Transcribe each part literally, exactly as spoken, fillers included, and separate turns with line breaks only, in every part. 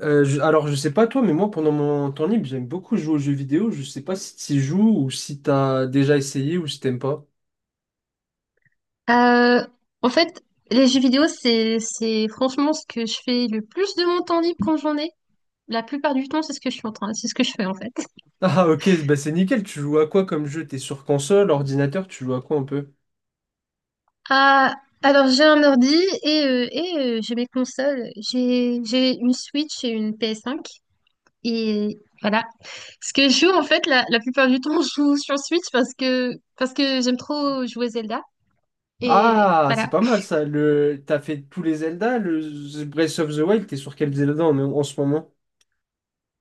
Euh, je- alors, je sais pas toi, mais moi, pendant mon temps libre, j'aime beaucoup jouer aux jeux vidéo. Je sais pas si tu joues ou si t'as déjà essayé ou si t'aimes pas.
Euh, en fait, les jeux vidéo, c'est, c'est franchement ce que je fais le plus de mon temps libre quand j'en ai. La plupart du temps, c'est ce que je suis en train, c'est ce que je fais en fait.
Ah, ok, bah c'est nickel. Tu joues à quoi comme jeu? T'es sur console, ordinateur, tu joues à quoi un peu?
Ah, alors j'ai un ordi et, euh, et euh, j'ai mes consoles. J'ai, j'ai une Switch et une ps cinq. Et voilà. Ce que je joue en fait, la, la plupart du temps, je joue sur Switch parce que, parce que j'aime trop jouer Zelda. Et
Ah, c'est
voilà.
pas mal ça. Le... T'as fait tous les Zelda, le The Breath of the Wild, t'es sur quel Zelda en, en ce moment?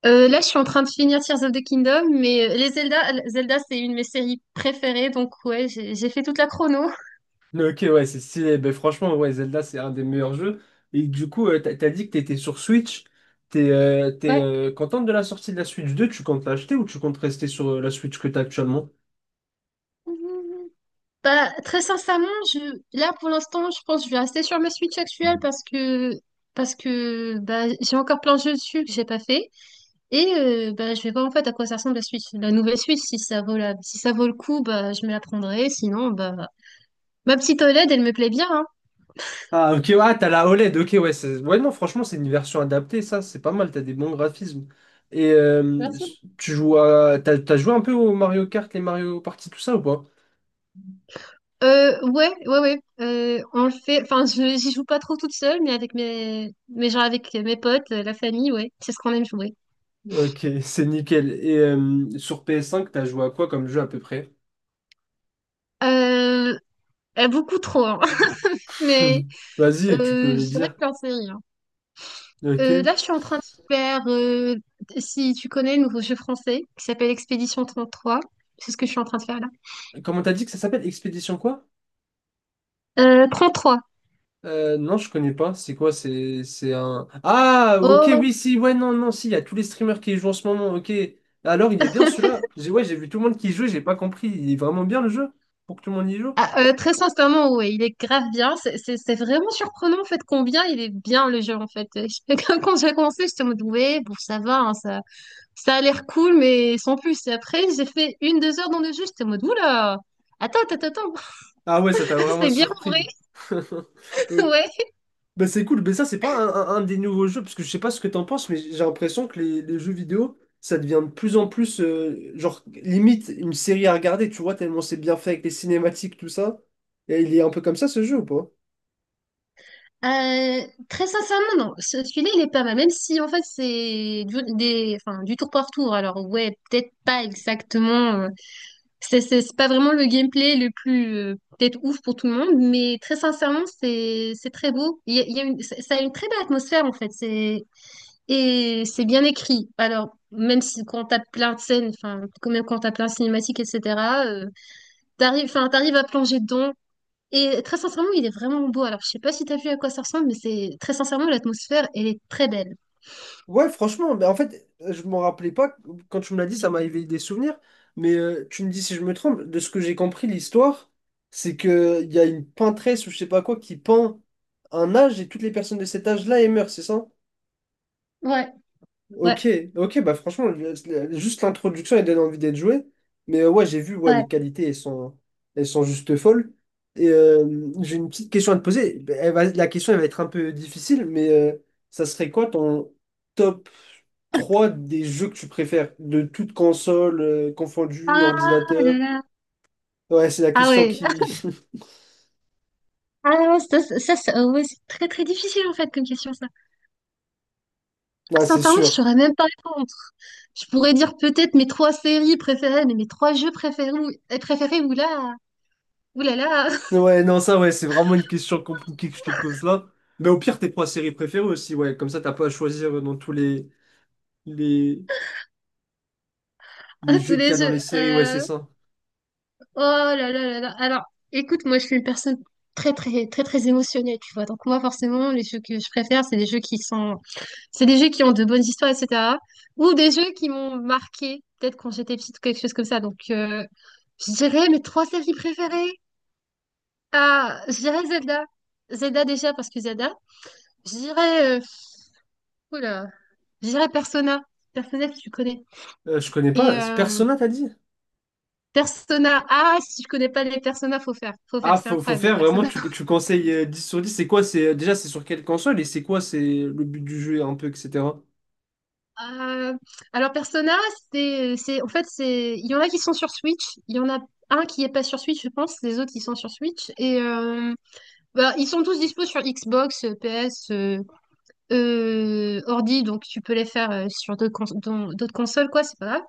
Euh, là, je suis en train de finir Tears of the Kingdom, mais euh, les Zelda, Zelda, c'est une de mes séries préférées, donc ouais, j'ai j'ai fait toute la chrono.
Ok, ouais, c'est stylé. Ben, franchement, ouais, Zelda, c'est un des meilleurs jeux. Et du coup, euh, t'as, t'as dit que t'étais sur Switch. T'es euh, t'es,
Ouais.
euh, contente de la sortie de la Switch deux? Tu comptes l'acheter ou tu comptes rester sur euh, la Switch que t'as actuellement?
Bah, très sincèrement, je... là pour l'instant, je pense que je vais rester sur ma Switch actuelle parce que parce que bah, j'ai encore plein de jeux dessus que j'ai pas fait et euh, bah, je vais voir en fait à quoi ça ressemble la Switch, la nouvelle Switch, si ça vaut la... si ça vaut le coup, bah je me la prendrai, sinon bah ma petite O L E D elle me plaît bien hein.
Ah, ok, ouais, t'as la OLED. Ok, ouais, c'est- ouais, non, franchement, c'est une version adaptée, ça, c'est pas mal. T'as des bons graphismes. Et euh,
Merci.
tu joues à... t'as, t'as joué un peu au Mario Kart, les Mario Party, tout ça ou pas?
Euh, ouais, ouais, ouais. Euh, on le fait. Enfin, je j'y joue pas trop toute seule, mais avec mes, mais genre avec mes potes, euh, la famille, ouais. C'est ce qu'on aime jouer.
Ok, c'est nickel. Et euh, sur P S cinq, t'as joué à quoi comme jeu à peu près?
Euh, euh, Beaucoup trop, hein. Mais
Vas-y, tu peux
euh,
les
je dirais
dire.
plein de séries, hein.
Ok.
Euh, là, je suis en train de faire. Euh, si tu connais le nouveau jeu français qui s'appelle Expédition trente-trois, c'est ce que je suis en train de faire là.
Comment t'as dit que ça s'appelle? Expédition quoi?
Euh, trois.
Euh, non, je connais pas. C'est quoi? C'est c'est un. Ah, ok,
Oh,
oui, si, ouais, non, non, si, il y a tous les streamers qui y jouent en ce moment, ok. Alors, il est bien celui-là. J'ai- Ouais, j'ai vu tout le monde qui y joue, j'ai pas compris. Il est vraiment bien le jeu? Pour que tout le monde y joue?
ah, euh, très sincèrement, ouais, il est grave bien. C'est c'est- c'est vraiment surprenant en fait combien il est bien le jeu en fait. Quand quand j'ai commencé, j'étais en mode ouais, bon ça va, hein, ça, ça a l'air cool, mais sans plus. Et après, j'ai fait une, deux heures dans le jeu, j'étais en mode oula, attends, attends, attends,
Ah ouais, ça t'a vraiment
c'est bien en vrai.
surpris. Ok.
Ouais.
Bah c'est cool, mais ça c'est pas un, un- un des nouveaux jeux, parce que je sais pas ce que t'en penses, mais j'ai l'impression que les, les jeux vidéo, ça devient de plus en plus, euh, genre, limite une série à regarder, tu vois, tellement c'est bien fait avec les cinématiques, tout ça. Et il est un peu comme ça ce jeu ou pas?
Euh, Très sincèrement, non. Ce- celui-là il est pas mal, même si en fait c'est du, des, enfin, du tour par tour. Alors ouais, peut-être pas exactement. C'est c'est- c'est pas vraiment le gameplay le plus euh, peut-être ouf pour tout le monde, mais très sincèrement, c'est c'est très beau. Il y a, il y a une, ça ça a une très belle atmosphère en fait. C'est et c'est bien écrit. Alors même si quand t'as plein de scènes, enfin quand même quand t'as plein de cinématiques, et cetera euh, t'arrives, enfin t'arrives à plonger dedans. Et très sincèrement, il est vraiment beau. Alors je sais pas si t'as vu à quoi ça ressemble, mais c'est très sincèrement l'atmosphère, elle est très belle.
Ouais, franchement, mais en fait, je m'en rappelais pas, quand tu me l'as dit, ça m'a éveillé des souvenirs, mais euh, tu me dis si je me trompe, de ce que j'ai compris, l'histoire, c'est que il y a une peintresse ou je sais pas quoi qui peint un âge et toutes les personnes de cet âge-là, elles meurent, c'est ça?
Ouais, ouais,
Ok, ok, bah franchement, le- le- juste l'introduction, elle donne envie d'être jouée. Mais euh, ouais, j'ai vu, ouais, les
ouais.
qualités, elles sont, elles sont juste folles. Et euh, j'ai une petite question à te poser. Bah, Elle va- la question, elle va être un peu difficile, mais euh, ça serait quoi ton top trois des jeux que tu préfères? De toute console, euh, confondue,
Ah là
ordinateur?
là.
Ouais, c'est la
Ah
question
ouais.
qui...
Ah non, ça, ça, ça, ça- ouais, c'est très très difficile en fait comme question ça. Ah,
Ah, c'est
sincèrement, je
sûr.
saurais même pas répondre. Je pourrais dire peut-être mes trois séries préférées, mais mes trois jeux préférés, ou- euh, préférés, ou là, ou là là.
Ouais, non, ça, ouais, c'est vraiment une question compliquée que je te pose là. Mais au pire, tes trois séries préférées aussi, ouais. Comme ça, t'as pas à choisir euh, dans tous les... Les, les
À tous
jeux qu'il y
les
a dans
jeux.
les séries, ouais, c'est
Euh,
ça.
oh là là là là. Alors, écoute, moi, je suis une personne très très très très émotionnelle, tu vois. Donc moi, forcément, les jeux que je préfère, c'est des jeux qui sont, c'est des jeux qui ont de bonnes histoires, et cetera. Ou des jeux qui m'ont marqué, peut-être quand j'étais petite, quelque chose comme ça. Donc, euh, je dirais mes trois séries préférées. Ah, je dirais Zelda. Zelda déjà parce que Zelda, Je dirais, euh, oula, je dirais Persona. Persona, si tu connais.
Euh, je connais
Et
pas.
euh,
Persona, t'as dit?
Persona ah Si tu connais pas les Persona, faut faire. Faut faire,
Ah,
c'est
faut, faut
incroyable, les
faire vraiment,
Persona.
tu, tu conseilles euh, dix sur dix. C'est quoi? C'est, euh, déjà, c'est sur quelle console et c'est quoi? C'est le but du jeu, un peu, et cetera
Euh, alors, Persona, c'est, c'est, en fait, c'est, il y en a qui sont sur Switch. Il y en a un qui est pas sur Switch, je pense. Les autres, ils sont sur Switch. Et euh, bah, ils sont tous dispo sur Xbox, P S, euh, ordi, donc tu peux les faire euh, sur d'autres cons- dans- d'autres consoles, quoi, c'est pas grave.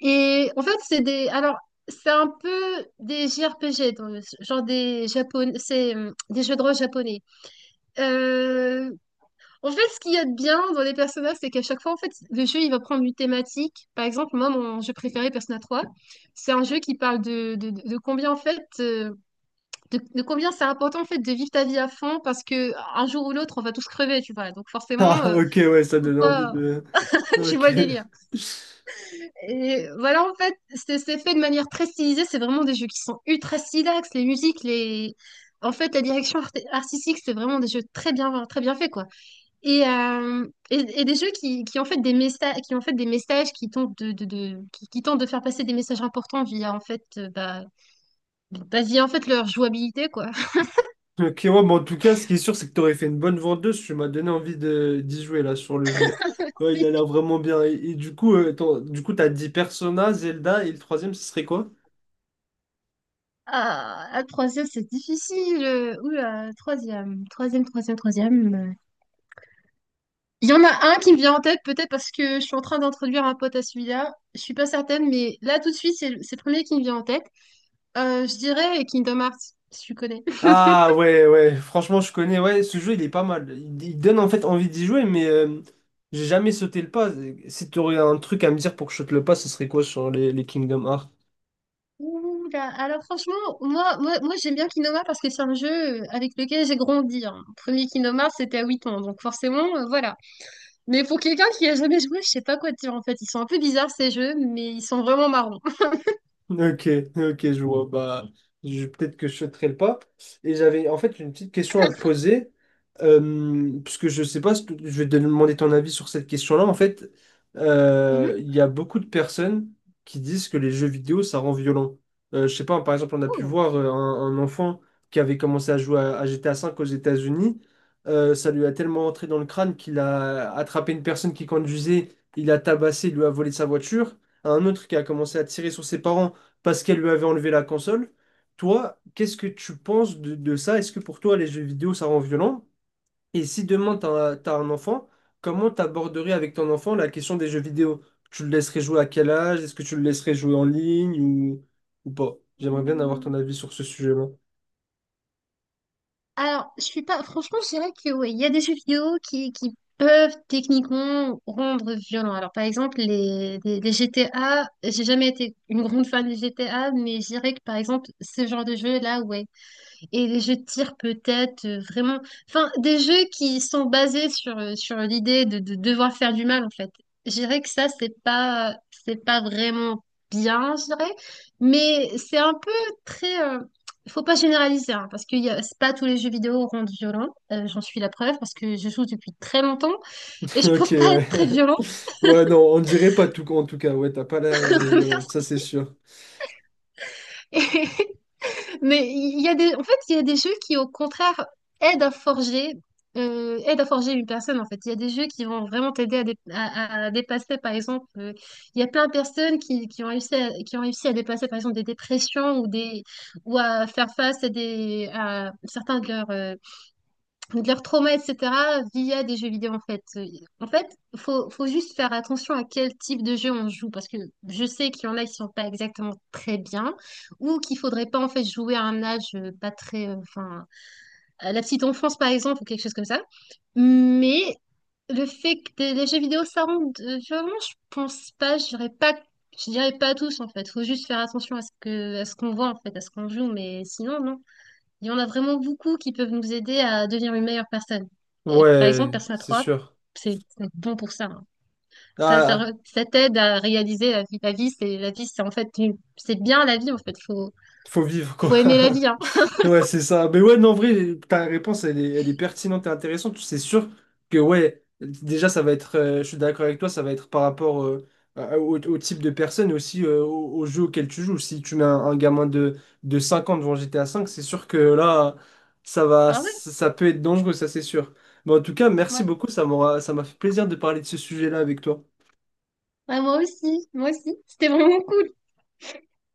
Et en fait, c'est des. Alors, C'est un peu des J R P G, donc, genre des japon c'est euh, des jeux de rôle japonais. Euh, en fait, Ce qu'il y a de bien dans les personnages, c'est qu'à chaque fois, en fait, le jeu, il va prendre une thématique. Par exemple, moi, mon jeu préféré, Persona trois, c'est un jeu qui parle de, de, de combien, en fait, euh, de, de combien c'est important, en fait, de vivre ta vie à fond, parce que un jour ou l'autre, on va tous crever, tu vois. Donc,
Ah,
forcément, euh,
ok, ouais, ça
faut
donne envie
pas
de.
tu vois
Ok.
le délire. Et voilà, en fait, c'est c'est fait de manière très stylisée. C'est vraiment des jeux qui sont ultra stylax. Les musiques, les... En fait, la direction art- artistique, c'est vraiment des jeux très bien, très bien faits, quoi. Et, euh, et, et des jeux qui, qui ont fait des messages, qui ont fait des messages qui tentent de, de, de- qui, qui tentent de faire passer des messages importants via, en fait, euh, bah, bah, via, en fait, leur jouabilité, quoi.
Ok, ouais, mais en tout cas, ce qui est sûr, c'est que t'aurais fait une bonne vendeuse. Tu m'as donné envie de d'y jouer là sur le jeu. Ouais, il a l'air vraiment bien. Et, et du coup, euh, ton- du coup, t'as dit Persona, Zelda et le troisième, ce serait quoi?
Ah, ah, troisième, c'est difficile. Oula, troisième, troisième, troisième, troisième. Il y en a un qui me vient en tête, peut-être parce que je suis en train d'introduire un pote à celui-là. Je suis pas certaine, mais là, tout de suite, c'est le, c'est le premier qui me vient en tête. Euh, je dirais Kingdom Hearts, si tu connais.
Ah ouais, ouais, franchement, je connais, ouais, ce jeu, il est pas mal. Il, il donne en fait envie d'y jouer, mais euh, j'ai jamais sauté le pas. Si tu aurais un truc à me dire pour que je saute le pas, ce serait quoi sur les, les Kingdom Hearts?
Ouh là, alors franchement, moi, moi, moi j'aime bien Kingdom Hearts parce que c'est un jeu euh, avec lequel j'ai grandi, hein. Mon premier Kingdom Hearts, c'était à huit ans, donc forcément, euh, voilà. Mais pour quelqu'un qui a jamais joué, je sais pas quoi dire en fait. Ils sont un peu bizarres ces jeux, mais ils sont vraiment marrons.
Ok, ok, je vois. Bah, je- peut-être que je sauterai le pas. Et j'avais en fait une petite question à te poser, euh, parce que je sais pas, si tu- je vais te demander ton avis sur cette question-là. En fait, euh,
Mhm.
il y a beaucoup de personnes qui disent que les jeux vidéo, ça rend violent. Euh, je sais pas, par exemple, on a pu voir euh, un, un enfant qui avait commencé à jouer à, à G T A V aux États-Unis. Euh, ça lui a tellement entré dans le crâne qu'il a attrapé une personne qui conduisait, il a tabassé, il lui a volé sa voiture. Un autre qui a commencé à tirer sur ses parents parce qu'elle lui avait enlevé la console. Toi, qu'est-ce que tu penses de, de ça? Est-ce que pour toi, les jeux vidéo, ça rend violent? Et si demain, tu as, un enfant, comment t'aborderais avec ton enfant la question des jeux vidéo? Tu le laisserais jouer à quel âge? Est-ce que tu le laisserais jouer en ligne ou, ou pas? J'aimerais bien avoir
Ouh.
ton avis sur ce sujet-là.
Alors, je suis pas. Franchement, je dirais que oui, il y a des jeux vidéo qui, qui peuvent techniquement rendre violent. Alors, par exemple, les, les, les G T A, j'ai jamais été une grande fan des G T A, mais je dirais que par exemple, ce genre de jeu-là, ouais, et les jeux de tir peut-être euh, vraiment, enfin des jeux qui sont basés sur euh, sur l'idée de, de devoir faire du mal en fait, je dirais que ça c'est pas c'est pas vraiment bien, je dirais, mais c'est un peu très euh, faut pas généraliser hein, parce que y a- c'est pas tous les jeux vidéo rendent violents. Euh, j'en suis la preuve parce que je joue depuis très longtemps et je
Ok,
pense pas
ouais.
être très violente.
Ouais, non, on dirait pas tout, en tout cas. Ouais, t'as pas l'air euh, violente, ça c'est sûr.
Merci. Mais il y a des, en fait, il y a des jeux qui, au contraire, aident à forger, euh, aident à forger une personne, en fait. Il y a des jeux qui vont vraiment t'aider à, dé- à- à dépasser, par exemple, euh, il y a plein de personnes qui, qui ont réussi à, qui ont réussi à dépasser, par exemple, des dépressions ou des, ou à faire face à des, à certains de leurs, euh, de leur trauma, et cetera, via des jeux vidéo, en fait. Euh, En fait, faut, faut juste faire attention à quel type de jeu on joue, parce que je sais qu'il y en a qui sont pas exactement très bien, ou qu'il faudrait pas, en fait, jouer à un âge euh, pas très... euh, Enfin, à la petite enfance, par exemple, ou quelque chose comme ça. Mais le fait que des- les jeux vidéo, ça rend de- violent, je pense pas, je dirais pas... je dirais pas tous, en fait. Faut juste faire attention à ce que, à ce qu'on voit, en fait, à ce qu'on joue, mais sinon, non. Il y en a vraiment beaucoup qui peuvent nous aider à devenir une meilleure personne. Et par exemple,
Ouais,
Persona
c'est
trois,
sûr.
c'est c'est bon pour ça, hein. Ça, ça,
Ah,
re- ça t'aide à réaliser la vie. La vie, c'est la vie, c'est en fait une- c'est bien la vie en fait. Faut
faut vivre, quoi.
faut aimer la vie, hein.
Ouais, c'est ça. Mais ouais, non, en vrai, ta réponse, elle est, elle est, pertinente et intéressante. C'est sûr que, ouais, déjà, ça va être, euh, je suis d'accord avec toi, ça va être par rapport euh, à- au, au type de personne et aussi euh, au, au jeu auquel tu joues. Si tu mets un, un gamin de, de cinq ans devant G T A cinq, c'est sûr que là, ça va,
Ah ouais,
ça, ça peut être dangereux, ça, c'est sûr. Mais en tout cas, merci
ouais.
beaucoup, ça m'aura, ça m'a fait plaisir de parler de ce sujet-là avec toi.
Ouais, moi aussi, moi aussi. C'était vraiment cool.